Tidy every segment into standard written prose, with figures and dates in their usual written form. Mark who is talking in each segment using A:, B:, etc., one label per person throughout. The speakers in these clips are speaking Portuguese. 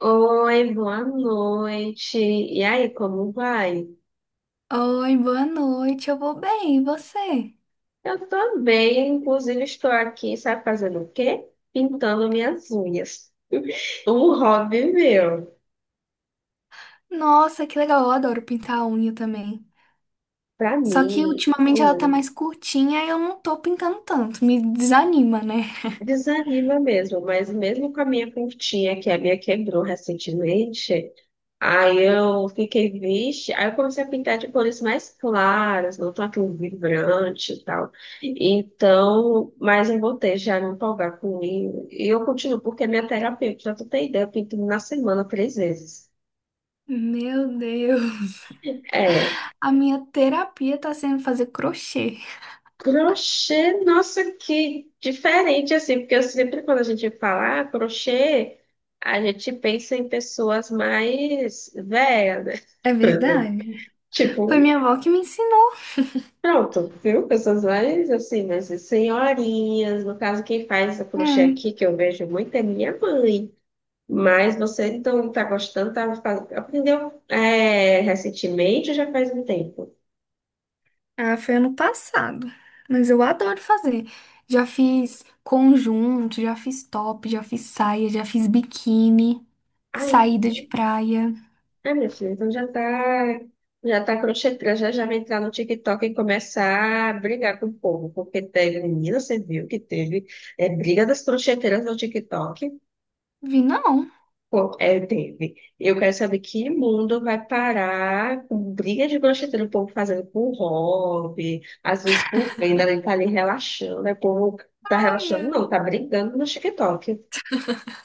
A: Oi, boa noite. E aí, como vai?
B: Oi, boa noite. Eu vou bem, e você?
A: Eu tô bem, inclusive estou aqui, sabe fazendo o quê? Pintando minhas unhas. Um hobby meu.
B: Nossa, que legal. Eu adoro pintar a unha também.
A: Pra
B: Só que
A: mim,
B: ultimamente ela tá
A: olha,
B: mais curtinha e eu não tô pintando tanto. Me desanima, né?
A: desanima mesmo, mas mesmo com a minha pintinha, que a minha quebrou recentemente, aí eu fiquei, vixe. Aí eu comecei a pintar de cores mais claras, não tão aquele vibrante e tal. Então, mas eu voltei já a me empolgar com ele. E eu continuo, porque é minha terapeuta, pra tu ter ideia, eu pinto na semana três vezes.
B: Meu Deus.
A: É,
B: A minha terapia tá sendo fazer crochê.
A: crochê, nossa, que diferente, assim, porque eu sempre quando a gente fala ah, crochê, a gente pensa em pessoas mais velhas,
B: É
A: né?
B: verdade. Foi minha
A: Tipo,
B: avó que me ensinou.
A: pronto, viu? Pessoas mais assim, mas senhorinhas, no caso, quem faz essa crochê
B: É.
A: aqui, que eu vejo muito, é minha mãe. Mas você então tá gostando, tá, aprendeu recentemente ou já faz um tempo?
B: Ah, foi ano passado. Mas eu adoro fazer. Já fiz conjunto, já fiz top, já fiz saia, já fiz biquíni,
A: Ai,
B: saída de praia.
A: ai, meu filho, então já tá crochetando, já, já vai entrar no TikTok e começar a brigar com o povo, porque teve, menina, você viu que teve briga das crocheteiras no TikTok?
B: Vi não.
A: Pô, é, teve. Eu quero saber que mundo vai parar com briga de brocheteiro, o povo fazendo por hobby, às vezes por venda, ele tá ali relaxando, né, o povo tá
B: Ai,
A: relaxando, não, tá
B: ai.
A: brigando no TikTok.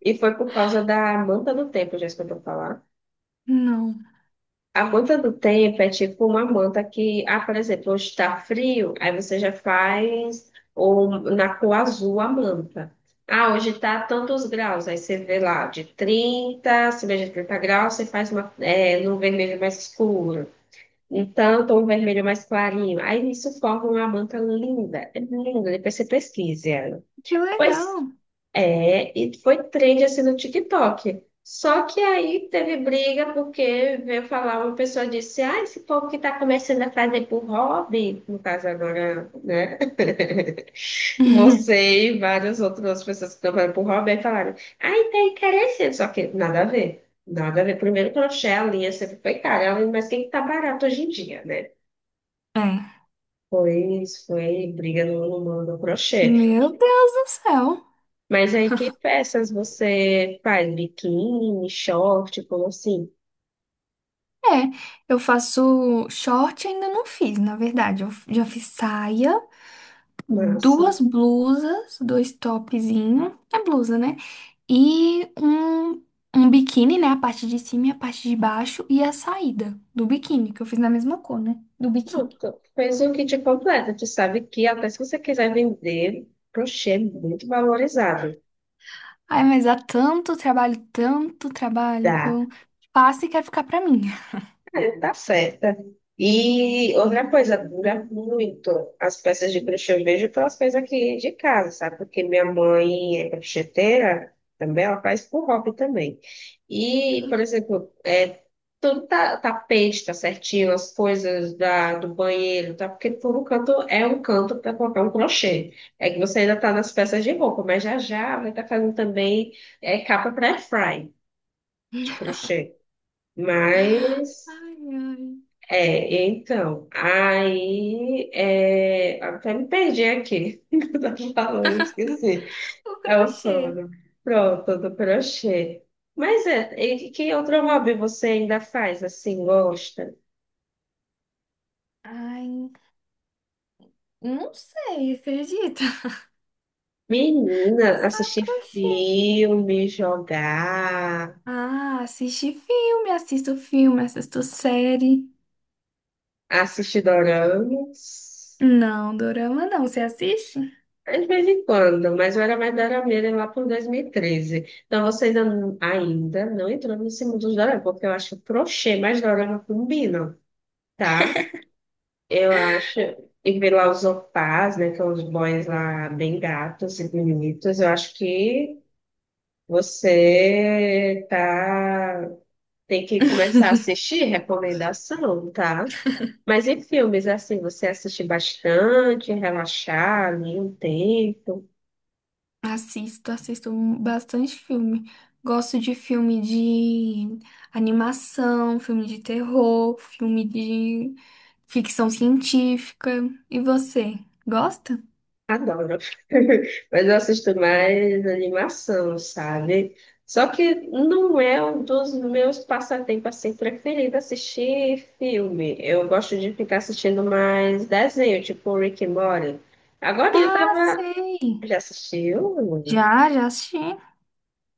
A: E foi por causa da Amanda do Tempo, já escutou falar?
B: Não.
A: A manta do tempo é tipo uma manta que, ah, por exemplo, hoje está frio, aí você já faz ou na cor azul a manta. Ah, hoje está tantos graus, aí você vê lá de 30, acima de 30 graus, você faz uma, num vermelho mais escuro, em tanto um vermelho mais clarinho. Aí isso forma uma manta linda, é linda, depois você pesquise ela.
B: Que
A: Pois
B: legal.
A: é, e foi trend assim no TikTok. Só que aí teve briga porque veio falar, uma pessoa disse, ah, esse povo que está começando a fazer por hobby, no caso agora, né? Você e várias outras pessoas que estão fazendo por hobby, aí falaram, ai, tá encarecendo, só que nada a ver. Nada a ver. Primeiro crochê, a linha sempre foi cara, mas quem que tá barato hoje em dia, né?
B: É.
A: Pois foi briga no mundo do crochê.
B: Meu Deus do céu.
A: Mas aí que peças você faz? Biquíni, short, como assim?
B: É, eu faço short, ainda não fiz, na verdade. Eu já fiz saia,
A: Massa.
B: duas blusas, dois topzinho, é blusa, né? E um biquíni, né? A parte de cima e a parte de baixo, e a saída do biquíni, que eu fiz na mesma cor, né? Do biquíni.
A: Pronto, fez um kit completo. Tu sabe que até se você quiser vender, crochê é muito valorizado.
B: Ai, mas há tanto trabalho que
A: Dá.
B: eu faço e quero ficar pra mim.
A: É, tá certa. E outra coisa, dura muito as peças de crochê. Eu vejo pelas coisas aqui de casa, sabe? Porque minha mãe é crocheteira também, ela faz por hobby também. E, por exemplo, tudo tá, tapete, tá certinho, as coisas do banheiro, tá? Porque todo canto é um canto para colocar um crochê. É que você ainda tá nas peças de roupa, mas já vai estar fazendo também capa para airfry de crochê. Mas.
B: Ai, ai.
A: É, então, aí é, até me perdi aqui, que eu tava falando, eu esqueci.
B: O
A: É o
B: crochê.
A: sono. Pronto, do crochê. Mas é, e que outro hobby você ainda faz assim, gosta?
B: Ai, não sei, acredita?
A: Menina,
B: Só
A: assistir
B: crochê.
A: filme, jogar,
B: Ah, assiste filme, assisto série.
A: assistir doramas.
B: Não, dorama não. Você assiste?
A: É, de vez em quando, mas eu era mais dorameira lá por 2013. Então você ainda, ainda não entrou nesse mundo dos dorama, porque eu acho crochê mais dorama combinam, tá? Eu acho. E ver lá os opás, né? Que são os boys lá bem gatos e bonitos. Eu acho que você tá. Tem que começar a assistir recomendação, tá? Mas em filmes, assim, você assiste bastante, relaxar ali um tempo.
B: Assisto, assisto bastante filme. Gosto de filme de animação, filme de terror, filme de ficção científica. E você, gosta?
A: Adoro. Mas eu assisto mais animação, sabe? Só que não é um dos meus passatempos assim preferidos assistir filme. Eu gosto de ficar assistindo mais desenho, tipo Rick and Morty. Agora eu
B: Ah,
A: tava.
B: sei.
A: Já assistiu?
B: Já, já assisti.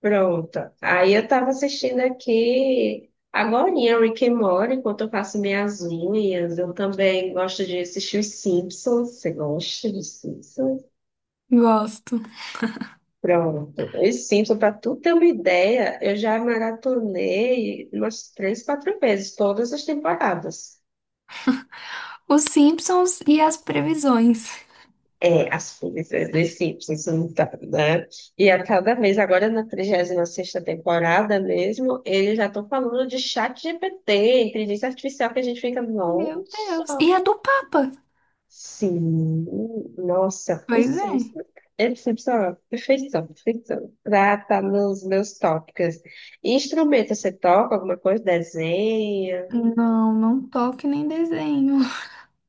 A: Pronto. Aí eu tava assistindo aqui. Agorinha, Rick and Morty, enquanto eu faço minhas unhas. Eu também gosto de assistir os Simpsons. Você gosta dos Simpsons?
B: Gosto.
A: Pronto. E sim, para tu ter uma ideia, eu já maratonei umas três, quatro vezes, todas as temporadas.
B: Os Simpsons e as previsões.
A: É, as primeiras de Simpsons, então, né? E a cada vez, agora na trigésima sexta temporada mesmo, eles já estão falando de chat GPT, inteligência artificial, que a gente fica,
B: Meu Deus.
A: nossa,
B: E a do Papa.
A: sim, nossa,
B: Pois é.
A: preciso. É excepcional, perfeição, perfeição. Pra estar nos meus tópicos. Instrumento, você toca alguma coisa? Desenha,
B: Não, não toque nem desenho.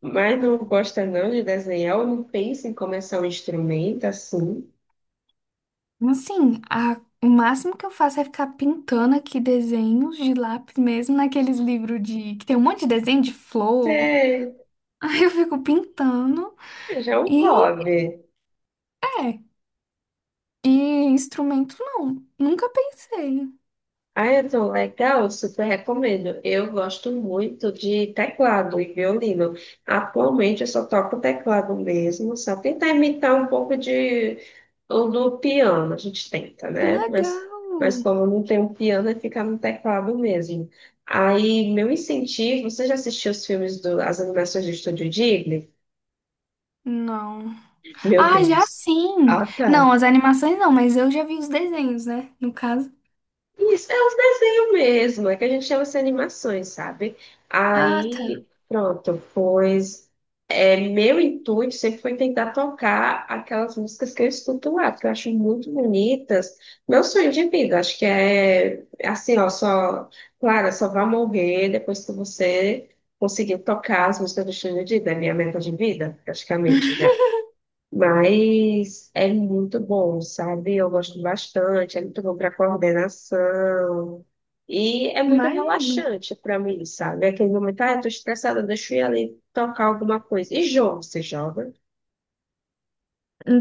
A: mas não gosta não de desenhar ou não pensa em começar um instrumento assim?
B: Assim, a- o máximo que eu faço é ficar pintando aqui desenhos de lápis mesmo, naqueles livros de que tem um monte de desenho de flor.
A: Você-
B: Aí eu fico pintando
A: já é um
B: e
A: hobby.
B: é. E instrumento, não. Nunca pensei.
A: Ah, então, legal, super recomendo. Eu gosto muito de teclado e violino. Atualmente eu só toco teclado mesmo, só tentar imitar um pouco de ou do piano, a gente tenta,
B: Que
A: né? Mas
B: legal.
A: como não tem um piano, é ficar no teclado mesmo. Aí, meu incentivo, você já assistiu os filmes do, as animações do Estúdio Ghibli?
B: Não.
A: Meu
B: Ah, já
A: Deus.
B: sim!
A: Ah, tá.
B: Não, as animações não, mas eu já vi os desenhos, né? No caso.
A: Isso, é os desenhos mesmo, é que a gente chama de animações, sabe?
B: Ah,
A: Aí,
B: tá.
A: pronto, pois é, meu intuito sempre foi tentar tocar aquelas músicas que eu escuto lá, que eu acho muito bonitas. Meu sonho de vida, acho que é assim, ó, só, claro, é só vai morrer depois que você conseguir tocar as músicas do Xande Dida, é minha meta de vida, praticamente já. Mas é muito bom, sabe? Eu gosto bastante, é muito bom para coordenação. E é muito
B: Imagina.
A: relaxante para mim, sabe? Aquele momento, ah, eu tô estressada, deixa eu ir ali tocar alguma coisa. E jogo, você joga?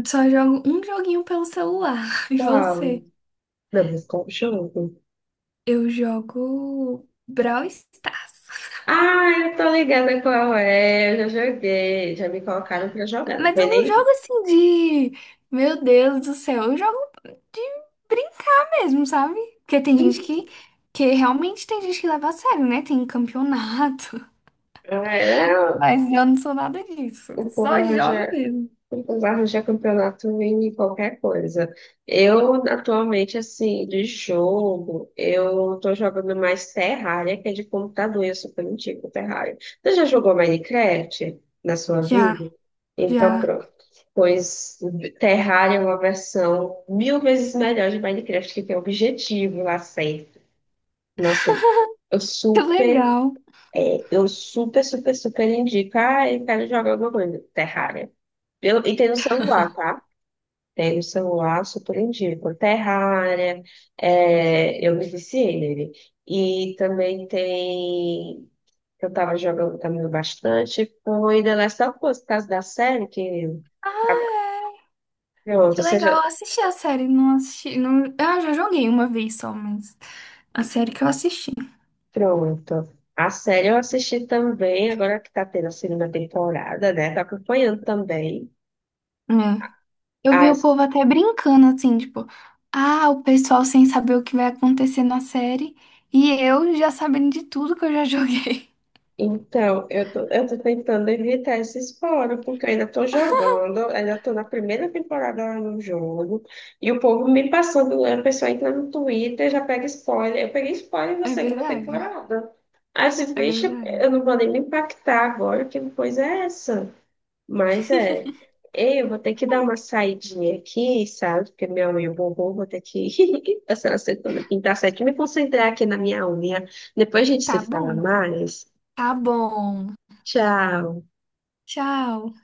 B: Só jogo um joguinho pelo celular. E
A: Qual?
B: você?
A: Não, mas qual jogo?
B: Eu jogo Brawl Stars.
A: Ah, eu tô ligada qual é, eu já joguei, já me colocaram pra jogar, não
B: Mas
A: foi
B: eu não
A: nem...
B: jogo assim de. Meu Deus do céu. Eu jogo de brincar mesmo, sabe? Porque tem gente que. Que realmente tem gente que leva a sério, né? Tem campeonato.
A: Ah, era,
B: Mas eu não sou nada disso.
A: o povo
B: Só
A: arranja.
B: jogo mesmo.
A: Arranjar campeonato em qualquer coisa. Eu, atualmente, assim, de jogo, eu tô jogando mais Terraria, que é de computador, e eu super antigo Terraria. Você já jogou Minecraft na sua
B: Já,
A: vida? Então,
B: já.
A: pronto. Pois Terraria é uma versão mil vezes melhor de Minecraft, que tem objetivo lá sempre. Nossa, eu
B: Que
A: super
B: legal.
A: eu super, super, super indico. Ah, eu quero jogar alguma coisa. Terraria. Eu, e tem no celular, tá? Tem no celular, super indico. Terraria. É, eu me viciei nele. E também tem. Eu tava jogando também bastante. Foi The Last of Us, por causa da série que.
B: Ah,
A: Tá.
B: é.
A: Pronto,
B: Que
A: ou
B: legal.
A: seja,
B: Eu assisti a série, não assisti. Não. Ah, já joguei uma vez só, mas a série que eu assisti.
A: pronto. A série eu assisti também, agora que tá tendo a segunda temporada, né? Tô acompanhando também.
B: É. Eu vi o povo até brincando, assim, tipo, ah, o pessoal sem saber o que vai acontecer na série e eu já sabendo de tudo que eu já joguei.
A: Então, eu tô tentando evitar esses fora, porque eu ainda tô jogando, eu ainda tô na primeira temporada lá no jogo, e o povo me passando, né, a pessoa entra no Twitter, já pega spoiler. Eu peguei spoiler na
B: É
A: segunda
B: verdade.
A: temporada. Aí você
B: É
A: deixa, eu
B: verdade.
A: não vou nem me impactar agora, que coisa é essa? Mas é, eu vou ter que dar uma saidinha aqui, sabe? Porque minha unha bombou, vou ter que passar a segunda, pintar certo, me concentrar aqui na minha unha. Depois a gente
B: Tá
A: se fala
B: bom.
A: mais.
B: Tá bom.
A: Tchau.
B: Tchau.